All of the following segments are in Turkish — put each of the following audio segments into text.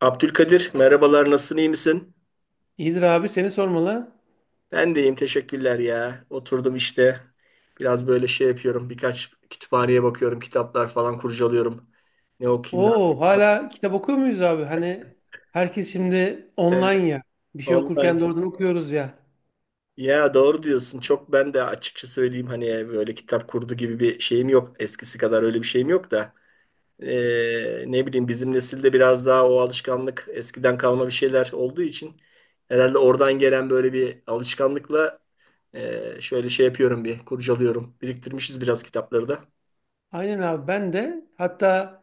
Abdülkadir, merhabalar, nasılsın, iyi misin? İyidir abi seni sormalı. Ben de iyiyim, teşekkürler ya. Oturdum işte, biraz böyle şey yapıyorum, birkaç kütüphaneye bakıyorum, kitaplar falan kurcalıyorum. Ne okuyayım, ne Oo yapayım falan. hala kitap okuyor muyuz abi? Hani herkes şimdi Evet, online ya. Bir şey okurken online. doğrudan okuyoruz ya. Ya doğru diyorsun, çok ben de açıkça söyleyeyim hani böyle kitap kurdu gibi bir şeyim yok. Eskisi kadar öyle bir şeyim yok da. Ne bileyim bizim nesilde biraz daha o alışkanlık eskiden kalma bir şeyler olduğu için herhalde oradan gelen böyle bir alışkanlıkla şöyle şey yapıyorum bir kurcalıyorum. Biriktirmişiz biraz kitapları da. Aynen abi ben de hatta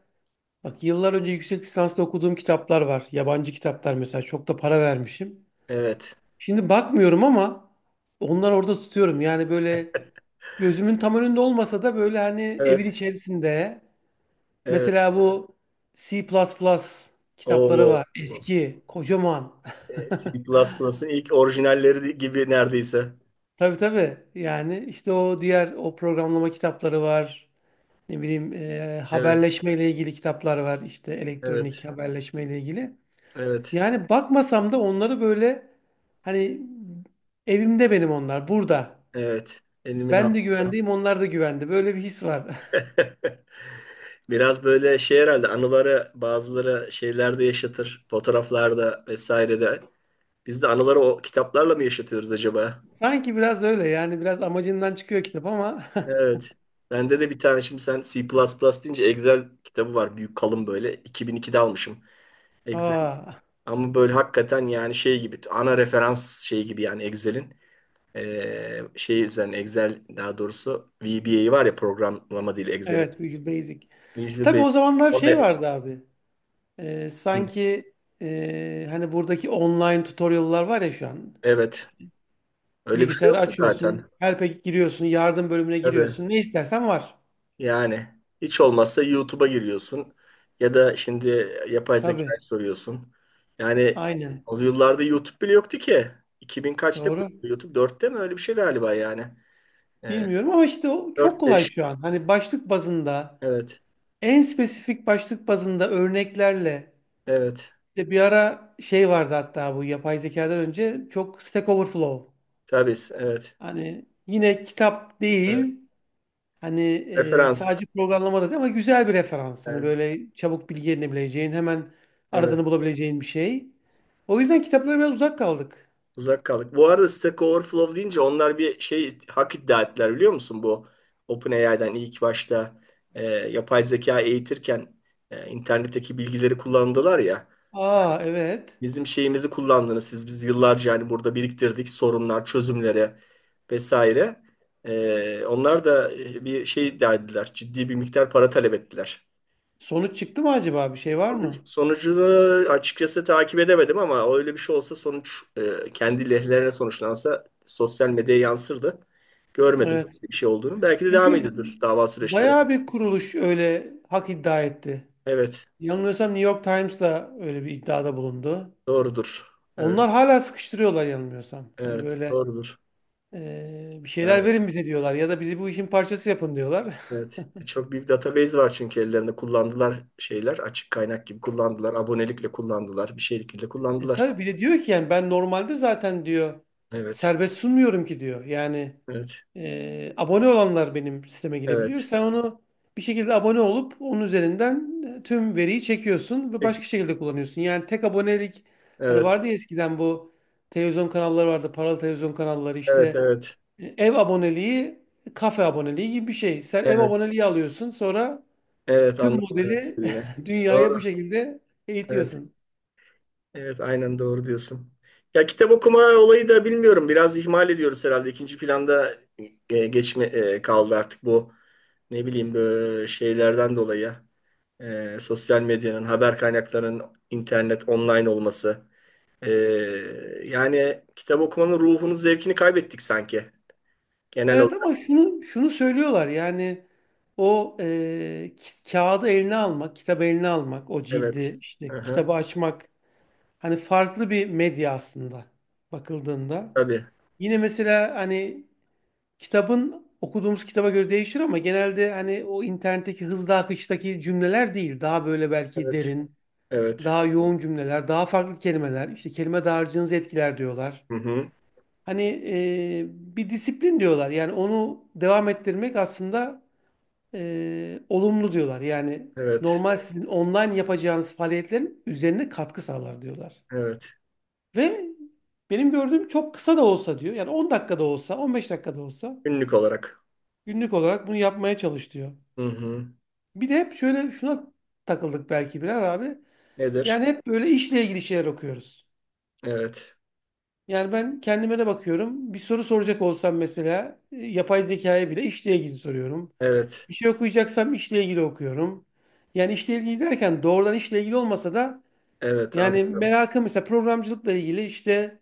bak yıllar önce yüksek lisansta okuduğum kitaplar var. Yabancı kitaplar mesela çok da para vermişim. Evet. Şimdi bakmıyorum ama onları orada tutuyorum. Yani böyle gözümün tam önünde olmasa da böyle hani evin Evet. içerisinde. Evet. Mesela bu C++ kitapları O var. Eski, kocaman. C++'ın ilk orijinalleri gibi neredeyse. Tabii tabii. Yani işte o diğer o programlama kitapları var. Ne bileyim Evet. haberleşmeyle ilgili kitaplar var. İşte Evet. elektronik haberleşmeyle ilgili. Evet. Yani bakmasam da onları böyle hani evimde benim onlar burada. Evet. Elimin Ben de altı. güvendeyim onlar da güvende. Böyle bir his var. Biraz böyle şey herhalde anıları bazıları şeylerde yaşatır. Fotoğraflarda vesairede. Biz de anıları o kitaplarla mı yaşatıyoruz acaba? Sanki biraz öyle yani biraz amacından çıkıyor kitap ama. Evet. Bende de bir tane, şimdi sen C++ deyince, Excel kitabı var. Büyük kalın böyle. 2002'de almışım Excel. Aa, Ama böyle hakikaten yani şey gibi, ana referans şey gibi yani Excel'in şey üzerine Excel, daha doğrusu VBA var ya, programlama dili Excel'in. evet Visual Basic. Visual Tabii Basic. o zamanlar O şey da- vardı abi. Hı, Sanki hani buradaki online tutorial'lar var ya şu an. evet. İşte Öyle bir şey bilgisayarı yok mu açıyorsun, zaten? help'e giriyorsun, yardım bölümüne Tabii. giriyorsun. Ne istersen var. Yani hiç olmazsa YouTube'a giriyorsun ya da şimdi yapay Tabii. zekaya soruyorsun. Yani Aynen. o yıllarda YouTube bile yoktu ki. 2000 kaçta Doğru. kuruldu YouTube? 4'te mi? Öyle bir şey galiba yani. Ee, Bilmiyorum ama işte o çok kolay 4-5. şu an. Hani başlık bazında, Evet. en spesifik başlık bazında örneklerle. Evet. İşte bir ara şey vardı hatta bu yapay zekadan önce çok Stack Overflow. Tabii. Evet. Hani yine kitap Evet. değil. Hani Referans. sadece programlamada değil ama güzel bir referans. Hani Evet. böyle çabuk bilgi edinebileceğin, hemen Evet. aradığını bulabileceğin bir şey. O yüzden kitaplara biraz uzak kaldık. Uzak kaldık. Bu arada Stack Overflow deyince, onlar bir şey hak iddia ettiler biliyor musun? Bu OpenAI'den ilk başta yapay zeka eğitirken internetteki bilgileri kullandılar ya. Aa evet. Bizim şeyimizi kullandınız siz. Biz yıllarca yani burada biriktirdik sorunlar, çözümleri vesaire. Onlar da bir şey iddia ettiler. Ciddi bir miktar para talep ettiler. Sonuç çıktı mı acaba? Bir şey var mı? Sonucunu açıkçası takip edemedim ama öyle bir şey olsa, sonuç kendi lehlerine sonuçlansa sosyal medyaya yansırdı. Görmedim Evet. bir şey olduğunu. Belki de devam Çünkü ediyordur dava süreçleri. bayağı bir kuruluş öyle hak iddia etti. Evet, Yanılmıyorsam New York Times'la öyle bir iddiada bulundu. doğrudur. Onlar Evet, hala sıkıştırıyorlar yanılmıyorsam. Hani evet, böyle doğrudur. Bir şeyler Yani verin bize diyorlar ya da bizi bu işin parçası yapın diyorlar. evet. Çok büyük database var çünkü ellerinde, kullandılar şeyler. Açık kaynak gibi kullandılar. Abonelikle kullandılar. Bir şeylikle E kullandılar. tabii bir de diyor ki yani ben normalde zaten diyor Evet. serbest sunmuyorum ki diyor. Yani Evet. Abone olanlar benim sisteme girebiliyor. Evet. Sen onu bir şekilde abone olup onun üzerinden tüm veriyi çekiyorsun ve Peki. başka şekilde kullanıyorsun. Yani tek abonelik hani Evet. vardı ya eskiden bu televizyon kanalları vardı. Paralı televizyon kanalları Evet. işte. Evet. E, ev aboneliği, kafe aboneliği gibi bir şey. Sen ev Evet. aboneliği alıyorsun sonra Evet. tüm Anladım demek modeli istediğini. dünyaya bu Doğru. şekilde Evet. eğitiyorsun. Evet. Aynen doğru diyorsun. Ya kitap okuma olayı da bilmiyorum. Biraz ihmal ediyoruz herhalde. İkinci planda geçme kaldı artık bu, ne bileyim, böyle şeylerden dolayı. Sosyal medyanın, haber kaynaklarının internet, online olması. Ee, yani kitap okumanın ruhunu, zevkini kaybettik sanki. Genel Evet ama olarak. şunu söylüyorlar yani o kağıdı eline almak, kitabı eline almak, o Evet. cildi işte Hı. kitabı açmak hani farklı bir medya aslında bakıldığında. Tabii. Yine mesela hani kitabın okuduğumuz kitaba göre değişir ama genelde hani o internetteki hızlı akıştaki cümleler değil. Daha böyle belki Evet. derin, Evet. daha yoğun cümleler, daha farklı kelimeler, işte kelime dağarcığınızı etkiler diyorlar. Hı-hı. Hani bir disiplin diyorlar. Yani onu devam ettirmek aslında olumlu diyorlar. Yani Evet. normal sizin online yapacağınız faaliyetlerin üzerine katkı sağlar diyorlar. Evet. Ve benim gördüğüm çok kısa da olsa diyor. Yani 10 dakikada olsa, 15 dakikada olsa Günlük olarak. günlük olarak bunu yapmaya çalış diyor. Hı-hı. Bir de hep şöyle şuna takıldık belki biraz abi. Nedir? Yani hep böyle işle ilgili şeyler okuyoruz. Evet. Yani ben kendime de bakıyorum. Bir soru soracak olsam mesela yapay zekaya bile işle ilgili soruyorum. Evet. Bir şey okuyacaksam işle ilgili okuyorum. Yani işle ilgili derken doğrudan işle ilgili olmasa da Evet. yani Anladım. merakım mesela programcılıkla ilgili işte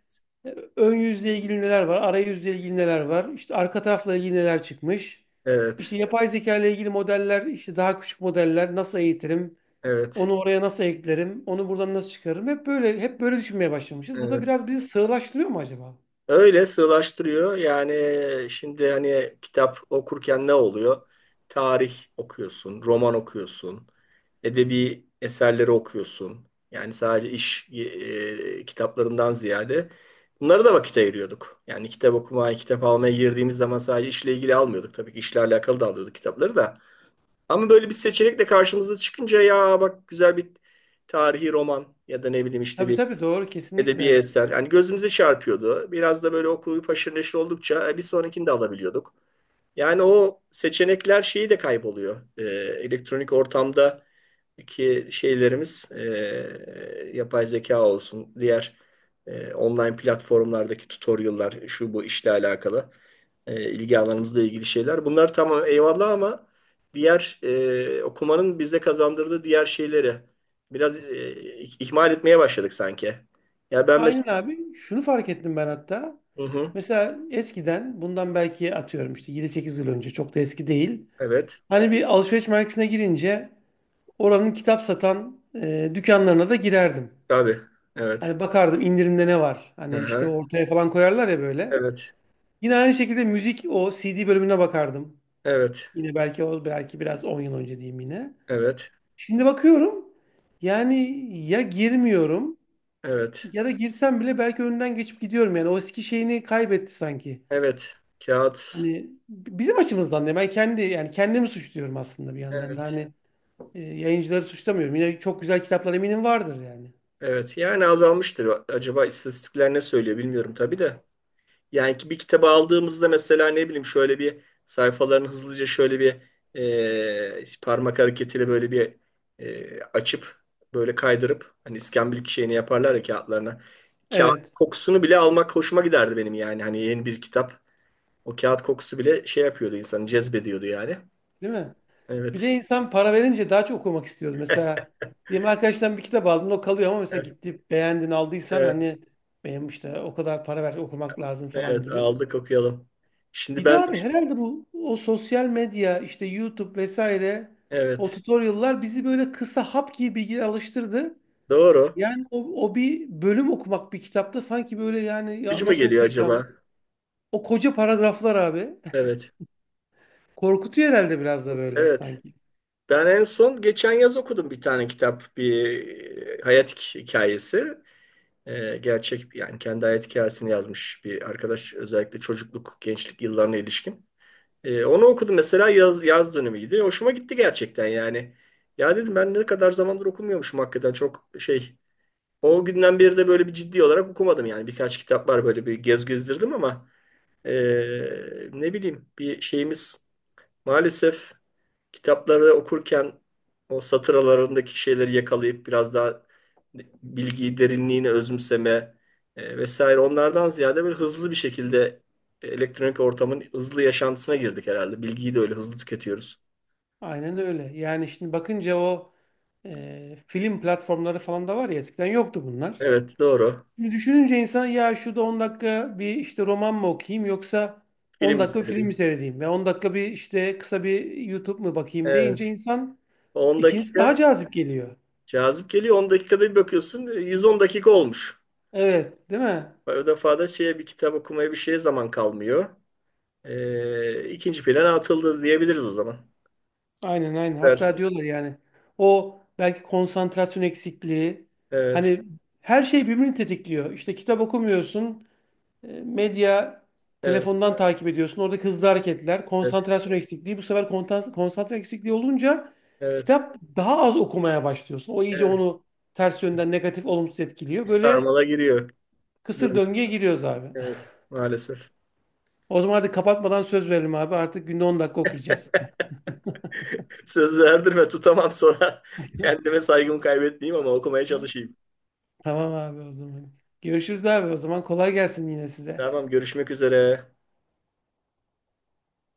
ön yüzle ilgili neler var, arayüzle ilgili neler var, işte arka tarafla ilgili neler çıkmış. Evet. İşte yapay zeka ile ilgili modeller, işte daha küçük modeller nasıl eğitirim, Evet. onu oraya nasıl eklerim, onu buradan nasıl çıkarırım. Hep böyle düşünmeye başlamışız. Bu da Evet. biraz bizi sığlaştırıyor mu acaba? Öyle sığlaştırıyor. Yani şimdi hani kitap okurken ne oluyor? Tarih okuyorsun, roman okuyorsun, edebi eserleri okuyorsun. Yani sadece iş kitaplarından ziyade bunlara da vakit ayırıyorduk. Yani kitap okumaya, kitap almaya girdiğimiz zaman sadece işle ilgili almıyorduk. Tabii ki işle alakalı da alıyorduk kitapları da. Ama böyle bir seçenekle karşımıza çıkınca, ya bak, güzel bir tarihi roman ya da ne bileyim işte Tabii bir tabii doğru edebi kesinlikle. eser. Yani gözümüzü çarpıyordu. Biraz da böyle okuyup haşır neşir oldukça bir sonrakini de alabiliyorduk. Yani o seçenekler şeyi de kayboluyor. Elektronik ortamdaki şeylerimiz, yapay zeka olsun, diğer online platformlardaki tutorial'lar, şu bu işle alakalı ilgi alanımızla ilgili şeyler. Bunlar tamam, eyvallah, ama diğer okumanın bize kazandırdığı diğer şeyleri biraz ihmal etmeye başladık sanki. Ya ben Aynen mesela... abi. Şunu fark ettim ben hatta. Hı hı, Mesela eskiden bundan belki atıyorum işte 7-8 yıl önce çok da eski değil. evet, Hani bir alışveriş merkezine girince oranın kitap satan dükkanlarına da girerdim. tabii, evet. Hani bakardım indirimde ne var. Hani işte Aha, ortaya falan koyarlar ya böyle. evet, Yine aynı şekilde müzik o CD bölümüne bakardım. evet, Yine belki o belki biraz 10 yıl önce diyeyim yine. evet. Şimdi bakıyorum yani ya girmiyorum. Evet. Ya da girsem bile belki önünden geçip gidiyorum yani. O eski şeyini kaybetti sanki. Evet. Kağıt. Hani bizim açımızdan da ben kendi yani kendimi suçluyorum aslında bir yandan da Evet. hani yayıncıları suçlamıyorum. Yine çok güzel kitaplar eminim vardır yani. Evet. Yani azalmıştır. Acaba istatistikler ne söylüyor bilmiyorum tabii de. Yani ki bir kitabı aldığımızda mesela, ne bileyim, şöyle bir sayfalarını hızlıca şöyle bir parmak hareketiyle böyle bir açıp böyle kaydırıp, hani iskambil şeyini yaparlar ya kağıtlarına. Kağıt Evet, kokusunu bile almak hoşuma giderdi benim yani. Hani yeni bir kitap. O kağıt kokusu bile şey yapıyordu, insanı cezbediyordu yani. değil mi? Bir de Evet. insan para verince daha çok okumak istiyordu. Mesela diyelim arkadaştan bir kitap aldın o kalıyor ama mesela gitti beğendin aldıysan Evet. hani benim işte o kadar para ver okumak lazım falan Evet, gibi. aldık okuyalım. Şimdi Bir de ben, abi herhalde bu o sosyal medya işte YouTube vesaire o evet, tutorial'lar bizi böyle kısa hap gibi bilgiye alıştırdı. doğru. Yani o, o bir bölüm okumak bir kitapta sanki böyle yani Gücü ya mü nasıl geliyor acaba? okuyacağım? O koca paragraflar abi Evet. korkutuyor herhalde biraz da böyle Evet. sanki. Ben en son geçen yaz okudum bir tane kitap. Bir hayat hikayesi. Gerçek yani, kendi hayat hikayesini yazmış bir arkadaş. Özellikle çocukluk, gençlik yıllarına ilişkin. Onu okudum mesela, yaz dönemiydi. Hoşuma gitti gerçekten yani. Ya dedim, ben ne kadar zamandır okumuyormuşum hakikaten, çok şey. O günden beri de böyle bir ciddi olarak okumadım yani. Birkaç kitap var böyle bir gez gezdirdim ama ne bileyim, bir şeyimiz maalesef, kitapları okurken o satır aralarındaki şeyleri yakalayıp biraz daha bilgiyi, derinliğini özümseme vesaire onlardan ziyade böyle hızlı bir şekilde elektronik ortamın hızlı yaşantısına girdik herhalde. Bilgiyi de öyle hızlı tüketiyoruz. Aynen öyle. Yani şimdi bakınca o film platformları falan da var ya eskiden yoktu bunlar. Evet, doğru. Şimdi düşününce insan ya şurada 10 dakika bir işte roman mı okuyayım yoksa 10 Film dakika bir film mi meselesi. seyredeyim ve 10 dakika bir işte kısa bir YouTube mu bakayım Evet. deyince insan 10 ikincisi daha dakika. cazip geliyor. Cazip geliyor, 10 dakikada bir bakıyorsun 110 dakika olmuş. Evet, değil mi? O defa da şeye, bir kitap okumaya bir şeye zaman kalmıyor. İkinci plana atıldı diyebiliriz o zaman. Aynen Ne aynen. Hatta dersin? diyorlar yani o belki konsantrasyon eksikliği Evet, hani her şey birbirini tetikliyor. İşte kitap okumuyorsun. E, medya evet, telefondan takip ediyorsun. Oradaki hızlı hareketler, evet, konsantrasyon eksikliği. Bu sefer konsantre eksikliği olunca evet, kitap daha az okumaya başlıyorsun. O iyice evet. onu ters yönden negatif, olumsuz etkiliyor. Bir Böyle sarmala giriyor. kısır Diyorum, döngüye giriyoruz abi. evet, maalesef. O zaman hadi kapatmadan söz verelim abi. Artık günde 10 dakika okuyacağız. Sözü erdirme tutamam sonra. Kendime saygımı kaybetmeyeyim ama okumaya Ha? çalışayım. Tamam abi o zaman. Görüşürüz abi o zaman. Kolay gelsin yine size. Tamam, görüşmek üzere.